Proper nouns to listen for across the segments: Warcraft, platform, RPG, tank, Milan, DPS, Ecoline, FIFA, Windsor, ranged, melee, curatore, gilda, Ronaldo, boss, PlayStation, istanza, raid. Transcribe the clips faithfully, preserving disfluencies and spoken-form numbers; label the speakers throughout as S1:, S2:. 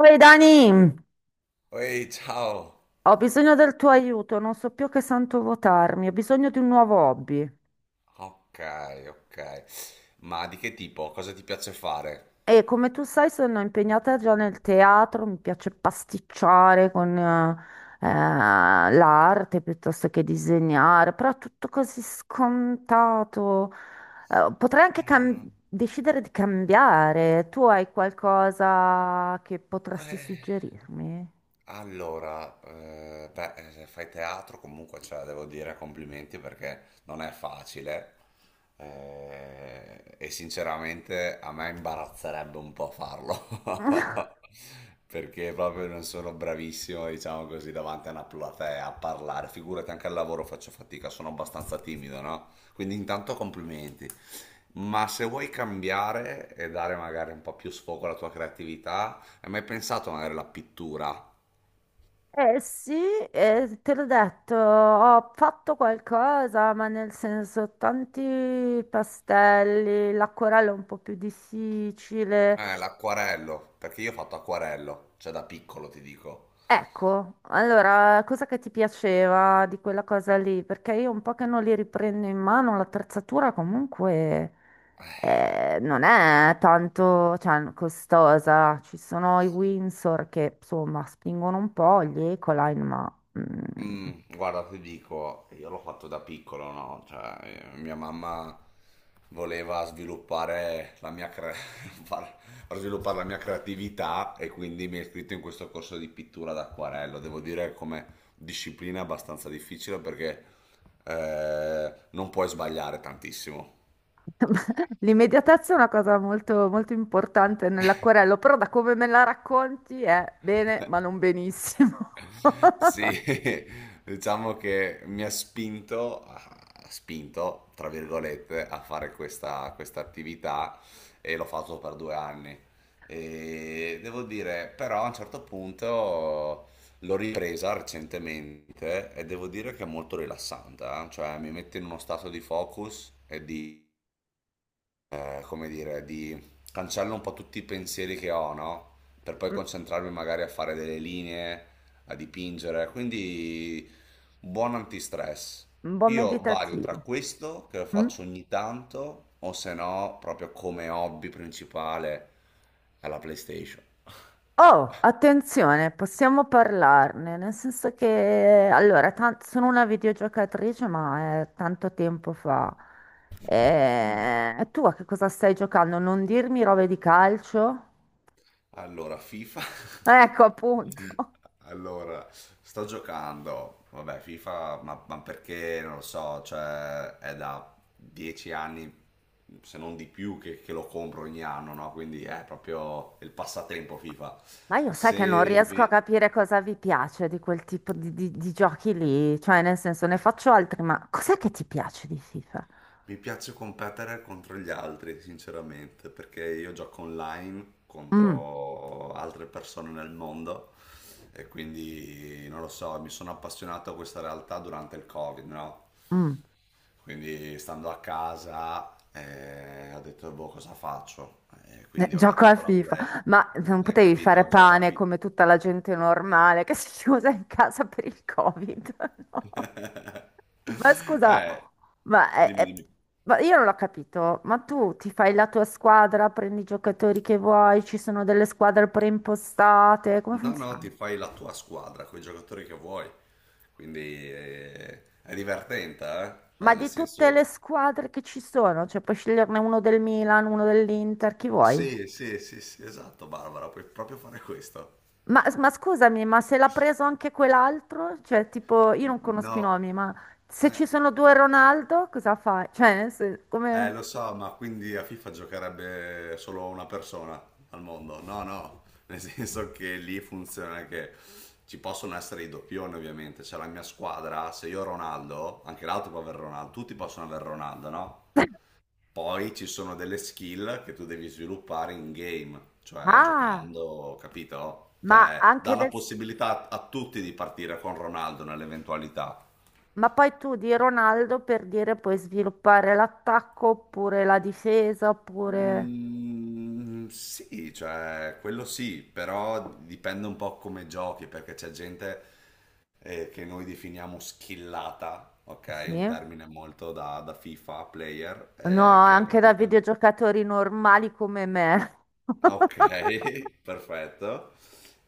S1: Oi Dani,
S2: Ehi, ciao!
S1: ho bisogno del tuo aiuto, non so più che santo votarmi, ho bisogno di un nuovo hobby.
S2: Ok, ok. Ma di che tipo? Cosa ti piace fare?
S1: E come tu sai, sono impegnata già nel teatro, mi piace pasticciare con eh, eh, l'arte piuttosto che disegnare, però è tutto così scontato. Eh, potrei anche cam-
S2: Mm,
S1: decidere di cambiare. Tu hai qualcosa che potresti
S2: eh.
S1: suggerirmi?
S2: Allora, eh, beh, eh, se fai teatro comunque, cioè, devo dire complimenti perché non è facile eh, e sinceramente a me imbarazzerebbe un po' farlo perché proprio non sono bravissimo, diciamo così, davanti a una platea a parlare. Figurati, anche al lavoro faccio fatica, sono abbastanza timido, no? Quindi intanto complimenti. Ma se vuoi cambiare e dare magari un po' più sfogo alla tua creatività, hai mai pensato magari alla pittura?
S1: Eh sì, eh, te l'ho detto, ho fatto qualcosa, ma nel senso tanti pastelli, l'acquarello è un po' più
S2: Eh,
S1: difficile.
S2: l'acquarello, perché io ho fatto acquarello, cioè da piccolo ti dico.
S1: Ecco, allora, cosa che ti piaceva di quella cosa lì? Perché io un po' che non li riprendo in mano, l'attrezzatura comunque eh, non è tanto, cioè, costosa. Ci sono i Windsor che, insomma, spingono un po', gli Ecoline, ma... mm,
S2: Mm, guarda, ti dico, io l'ho fatto da piccolo, no? Cioè, eh, mia mamma voleva sviluppare la mia, cre- far- far sviluppare la mia creatività e quindi mi ha iscritto in questo corso di pittura d'acquarello. Devo dire come disciplina abbastanza difficile perché eh, non puoi sbagliare tantissimo.
S1: L'immediatezza è una cosa molto, molto importante nell'acquerello, però da come me la racconti è bene, ma non benissimo.
S2: Sì, diciamo che mi ha spinto, ha spinto, tra virgolette, a fare questa, questa attività e l'ho fatto per due anni. E devo dire, però a un certo punto l'ho ripresa recentemente e devo dire che è molto rilassante, eh. Cioè mi mette in uno stato di focus eh, come dire, di cancello un po' tutti i pensieri che ho, no? Per poi
S1: Mm,
S2: concentrarmi magari a fare delle linee, a dipingere. Quindi buon antistress.
S1: un buon
S2: Io vario tra
S1: meditativo.
S2: questo, che lo
S1: Mm.
S2: faccio ogni tanto, o se no, proprio come hobby principale alla PlayStation.
S1: Oh, attenzione, possiamo parlarne, nel senso che, allora, tan- sono una videogiocatrice, ma è tanto tempo fa. E... e tu a che cosa stai giocando? Non dirmi robe di calcio?
S2: Allora, FIFA.
S1: Ecco, appunto.
S2: Allora, sto giocando, vabbè, FIFA, ma, ma perché non lo so, cioè è da dieci anni, se non di più, che, che lo compro ogni anno, no? Quindi è proprio il passatempo FIFA.
S1: Ma io sai
S2: Se
S1: che non riesco a
S2: inve-
S1: capire cosa vi piace di quel tipo di, di- di giochi lì, cioè nel senso ne faccio altri, ma cos'è che ti piace di FIFA?
S2: mi piace competere contro gli altri, sinceramente, perché io gioco online
S1: Mm,
S2: contro altre persone nel mondo e quindi non lo so, mi sono appassionato a questa realtà durante il Covid, no?
S1: mm,
S2: Quindi stando a casa eh, ho detto, boh, cosa faccio? E
S1: eh,
S2: quindi ho
S1: gioco a
S2: attaccato la
S1: FIFA,
S2: Play.
S1: ma non
S2: Hai
S1: potevi fare
S2: capito? Gioco a
S1: pane
S2: fi...
S1: come tutta la gente normale che si chiusa in casa per il Covid, no? Ma scusa,
S2: Eh,
S1: ma, è-
S2: dimmi,
S1: è-
S2: dimmi.
S1: ma io non l'ho capito, ma tu ti fai la tua squadra, prendi i giocatori che vuoi, ci sono delle squadre preimpostate, come
S2: No, no,
S1: funziona?
S2: ti fai la tua squadra con i giocatori che vuoi. Quindi eh, è divertente, eh? Cioè,
S1: Ma
S2: nel
S1: di tutte le
S2: senso...
S1: squadre che ci sono, cioè puoi sceglierne uno del Milan, uno dell'Inter, chi vuoi?
S2: Sì, sì, sì, sì, esatto, Barbara, puoi proprio fare questo.
S1: Ma, ma scusami, ma se l'ha preso anche quell'altro? Cioè, tipo, io non conosco i
S2: No,
S1: nomi, ma se ci
S2: eh.
S1: sono due Ronaldo, cosa fai? Cioè, nel sen-
S2: Eh,
S1: come...
S2: lo so, ma quindi a FIFA giocherebbe solo una persona al mondo? No, no, nel senso che lì funziona che ci possono essere i doppioni, ovviamente. C'è la mia squadra, se io ho Ronaldo, anche l'altro può avere Ronaldo, tutti possono avere Ronaldo, no? Poi ci sono delle skill che tu devi sviluppare in game, cioè
S1: Ah,
S2: giocando, capito?
S1: ma
S2: Cioè, dà
S1: anche
S2: la
S1: del... s-
S2: possibilità a tutti di partire con Ronaldo nell'eventualità.
S1: ma poi tu di Ronaldo per dire puoi sviluppare l'attacco oppure la difesa, oppure...
S2: Mm, sì, cioè quello sì, però dipende un po' come giochi, perché c'è gente eh, che noi definiamo skillata, ok? Un
S1: Sì?
S2: termine molto da, da FIFA player,
S1: No,
S2: eh, che è
S1: anche da
S2: praticamente...
S1: videogiocatori normali come me.
S2: Ah, ok, perfetto.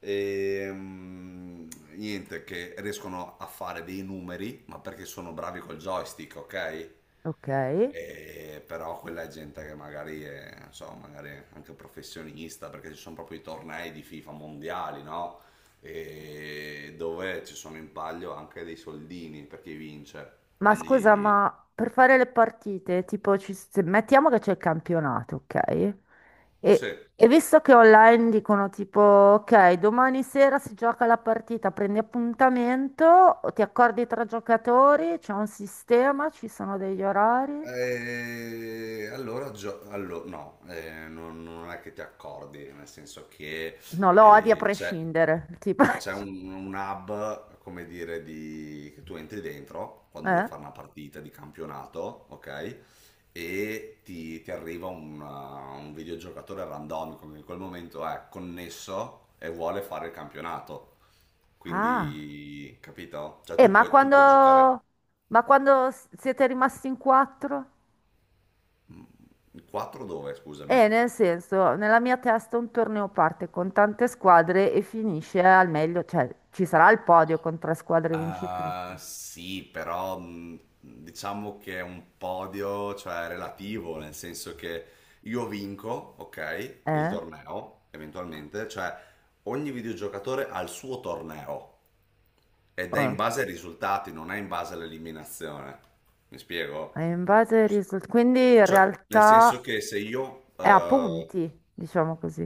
S2: Ehm, Niente, che riescono a fare dei numeri, ma perché sono bravi col joystick, ok?
S1: Ok.
S2: E però quella è gente che magari è, non so, magari anche professionista, perché ci sono proprio i tornei di FIFA mondiali, no? E dove ci sono in palio anche dei soldini per chi vince.
S1: Ma scusa,
S2: Quindi,
S1: ma per fare le partite, tipo, ci- se- mettiamo che c'è il campionato, ok?
S2: sì,
S1: E, e visto che online dicono tipo, ok, domani sera si gioca la partita, prendi appuntamento, o ti accordi tra giocatori, c'è un sistema, ci sono degli orari.
S2: Eh, allora, gio- allo- no, eh, non, non è che ti accordi, nel senso che
S1: No, lo odi a
S2: eh, c'è
S1: prescindere, tipo.
S2: c'è un, un hub, come dire, di- che tu entri dentro quando vuoi
S1: Eh?
S2: fare una partita di campionato, ok? E ti, ti arriva un, uh, un videogiocatore randomico che in quel momento è connesso e vuole fare il campionato.
S1: Ah,
S2: Quindi, capito? Cioè
S1: eh,
S2: tu
S1: ma
S2: puoi, tu puoi giocare
S1: quando, ma quando s- siete rimasti in quattro?
S2: quattro dove, scusami?
S1: E nel senso, nella mia testa un torneo parte con tante squadre e finisce al meglio, cioè ci sarà il podio con tre squadre
S2: Ah,
S1: vincitrici.
S2: sì, però mh, diciamo che è un podio, cioè relativo, nel senso che io vinco, ok, il
S1: Eh?
S2: torneo, eventualmente, cioè ogni videogiocatore ha il suo torneo ed è in
S1: Oh.
S2: base ai risultati, non è in base all'eliminazione. Mi
S1: E
S2: spiego?
S1: in base ai risultati. Quindi in
S2: Cioè, nel senso
S1: realtà
S2: che se io
S1: è a
S2: eh,
S1: punti, diciamo così.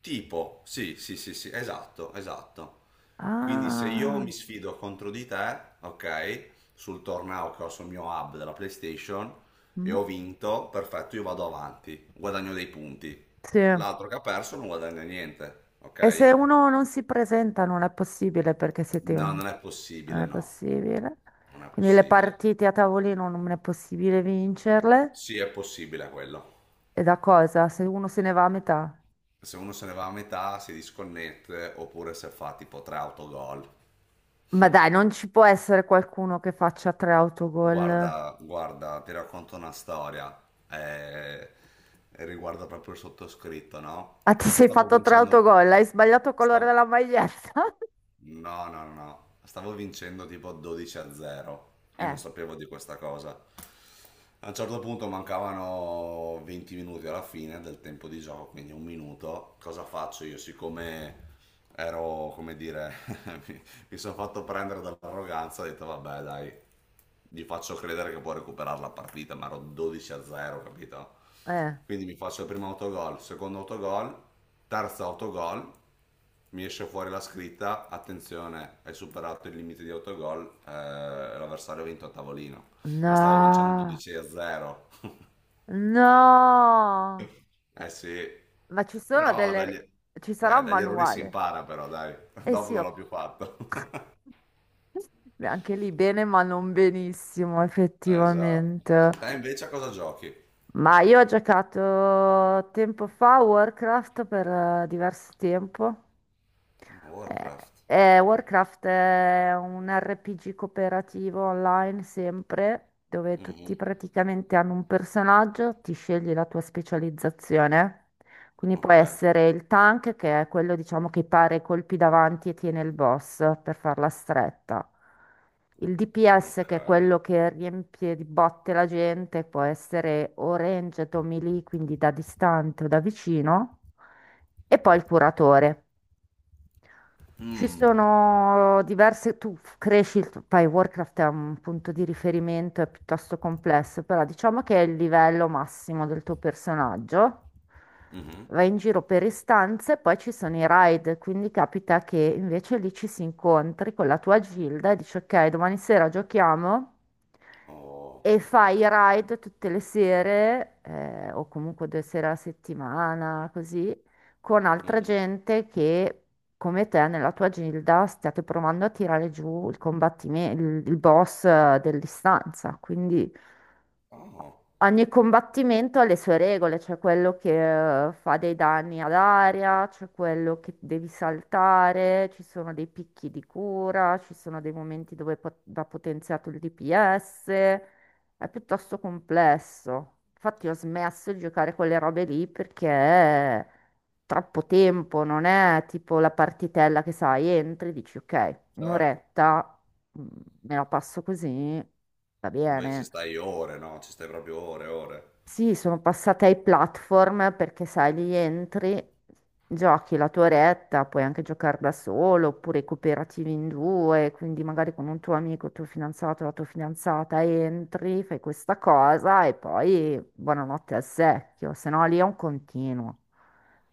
S2: Tipo, sì, sì, sì, sì, esatto, esatto. Quindi se io
S1: Ah,
S2: mi sfido contro di te, ok, sul torneo che ho sul mio hub della PlayStation e
S1: mm,
S2: ho vinto, perfetto, io vado avanti, guadagno dei punti.
S1: sì. E
S2: L'altro che ha perso non guadagna niente,
S1: se
S2: ok?
S1: uno non si presenta non è possibile perché siete...
S2: No, non è
S1: Non
S2: possibile,
S1: è
S2: no,
S1: possibile.
S2: non è
S1: Quindi le
S2: possibile.
S1: partite a tavolino non è possibile vincerle.
S2: Sì, è possibile quello.
S1: E da cosa? Se uno se ne va a metà.
S2: Se uno se ne va a metà, si disconnette, oppure se fa tipo tre autogol.
S1: Ma dai, non ci può essere qualcuno che faccia tre autogol.
S2: Guarda, guarda, ti racconto una storia, eh, riguarda proprio il sottoscritto, no?
S1: Ah, ti sei
S2: Stavo
S1: fatto tre
S2: vincendo, un-
S1: autogol, hai sbagliato il colore
S2: stavo,
S1: della maglietta?
S2: no, no, no, no. Stavo vincendo tipo 12 a 0, io
S1: Eh,
S2: non sapevo di questa cosa. A un certo punto mancavano venti minuti alla fine del tempo di gioco, quindi un minuto, cosa faccio io? Siccome ero, come dire, mi, mi sono fatto prendere dall'arroganza, ho detto vabbè dai, gli faccio credere che può recuperare la partita, ma ero 12 a 0, capito?
S1: eh.
S2: Quindi mi faccio il primo autogol, secondo autogol, terzo autogol, mi esce fuori la scritta, attenzione, hai superato il limite di autogol, eh, l'avversario ha vinto a tavolino, ma stavo vincendo
S1: No,
S2: 12 a 0.
S1: no.
S2: Eh sì,
S1: Ma ci sono
S2: però
S1: delle...
S2: dagli,
S1: re-
S2: eh,
S1: ci sarà un
S2: dagli errori si
S1: manuale.
S2: impara però, dai,
S1: Eh
S2: dopo
S1: sì,
S2: non
S1: ho-
S2: l'ho più fatto.
S1: Beh, anche lì bene, ma non benissimo,
S2: Eh, Esatto.
S1: effettivamente.
S2: Te invece a cosa giochi?
S1: Ma io ho giocato tempo fa a Warcraft per eh, diverso tempo. Eh,
S2: Warcraft.
S1: eh, Warcraft è un R P G cooperativo online sempre, dove tutti
S2: Mhm.
S1: praticamente hanno un personaggio, ti scegli la tua specializzazione. Quindi può
S2: Ok,
S1: essere il tank, che è quello, diciamo, che pare i colpi davanti e tiene il boss per farla stretta. Il D P S,
S2: ok.
S1: che è quello che riempie di botte la gente, può essere o ranged o melee, quindi da distante o da vicino. E poi il curatore. Ci
S2: Mm.
S1: sono diverse, tu f- cresci, il- tuo- poi Warcraft è un punto di riferimento, è piuttosto complesso, però diciamo che è il livello massimo del tuo personaggio.
S2: Mhm.
S1: Vai in giro per istanze, poi ci sono i raid, quindi capita che invece lì ci si incontri con la tua gilda e dici ok, domani sera giochiamo
S2: Oh.
S1: e fai i raid tutte le sere, eh, o comunque due sere alla settimana, così, con altra
S2: Mhm.
S1: gente che, come te, nella tua gilda, stiate provando a tirare giù il combattimento, il, il boss eh, dell'istanza. Quindi
S2: Oh,
S1: ogni combattimento ha le sue regole, c'è quello che eh, fa dei danni ad aria, c'è quello che devi saltare, ci sono dei picchi di cura, ci sono dei momenti dove pot- va potenziato il D P S, è piuttosto complesso. Infatti ho smesso di giocare quelle robe lì perché è troppo tempo, non è tipo la partitella che sai, entri, dici ok,
S2: certo.
S1: un'oretta, mm, me la passo così, va
S2: Invece ci
S1: bene.
S2: stai ore, no? Ci stai proprio ore, ore.
S1: Sì, sono passata ai platform perché sai, lì entri, giochi la tua retta, puoi anche giocare da solo oppure cooperativi in due, quindi magari con un tuo amico, il tuo fidanzato, la tua fidanzata entri, fai questa cosa e poi buonanotte al secchio, se no lì è un continuo.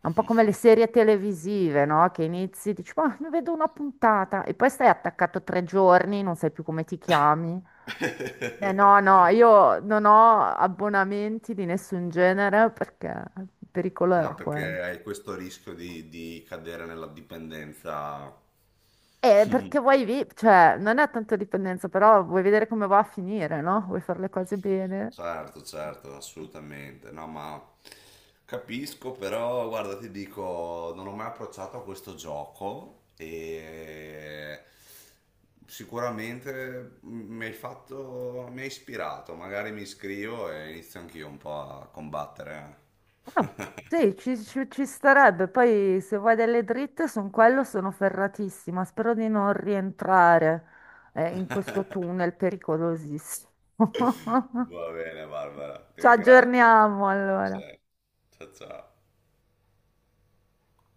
S1: È un po' come le serie televisive, no? Che inizi, dici, ma mi vedo una puntata e poi stai attaccato tre giorni, non sai più come ti chiami. Eh, no, no, io non ho abbonamenti di nessun genere perché il pericolo
S2: Ah,
S1: era quello.
S2: perché hai questo rischio di, di cadere nella dipendenza.
S1: Eh, perché vuoi vi, cioè, non è tanto dipendenza, però vuoi vedere come va a finire, no? Vuoi fare le cose bene.
S2: Certo, certo, assolutamente. No, ma capisco, però guarda, ti dico, non ho mai approcciato a questo gioco e sicuramente mi hai fatto, mi hai ispirato, magari mi iscrivo e inizio anch'io un po' a combattere.
S1: Ah, sì, ci, ci- ci starebbe. Poi se vuoi delle dritte su quello sono ferratissima. Spero di non rientrare eh, in questo tunnel pericolosissimo.
S2: Va bene, Barbara, ti
S1: Ci
S2: ringrazio.
S1: aggiorniamo
S2: Sì.
S1: allora.
S2: Ciao ciao.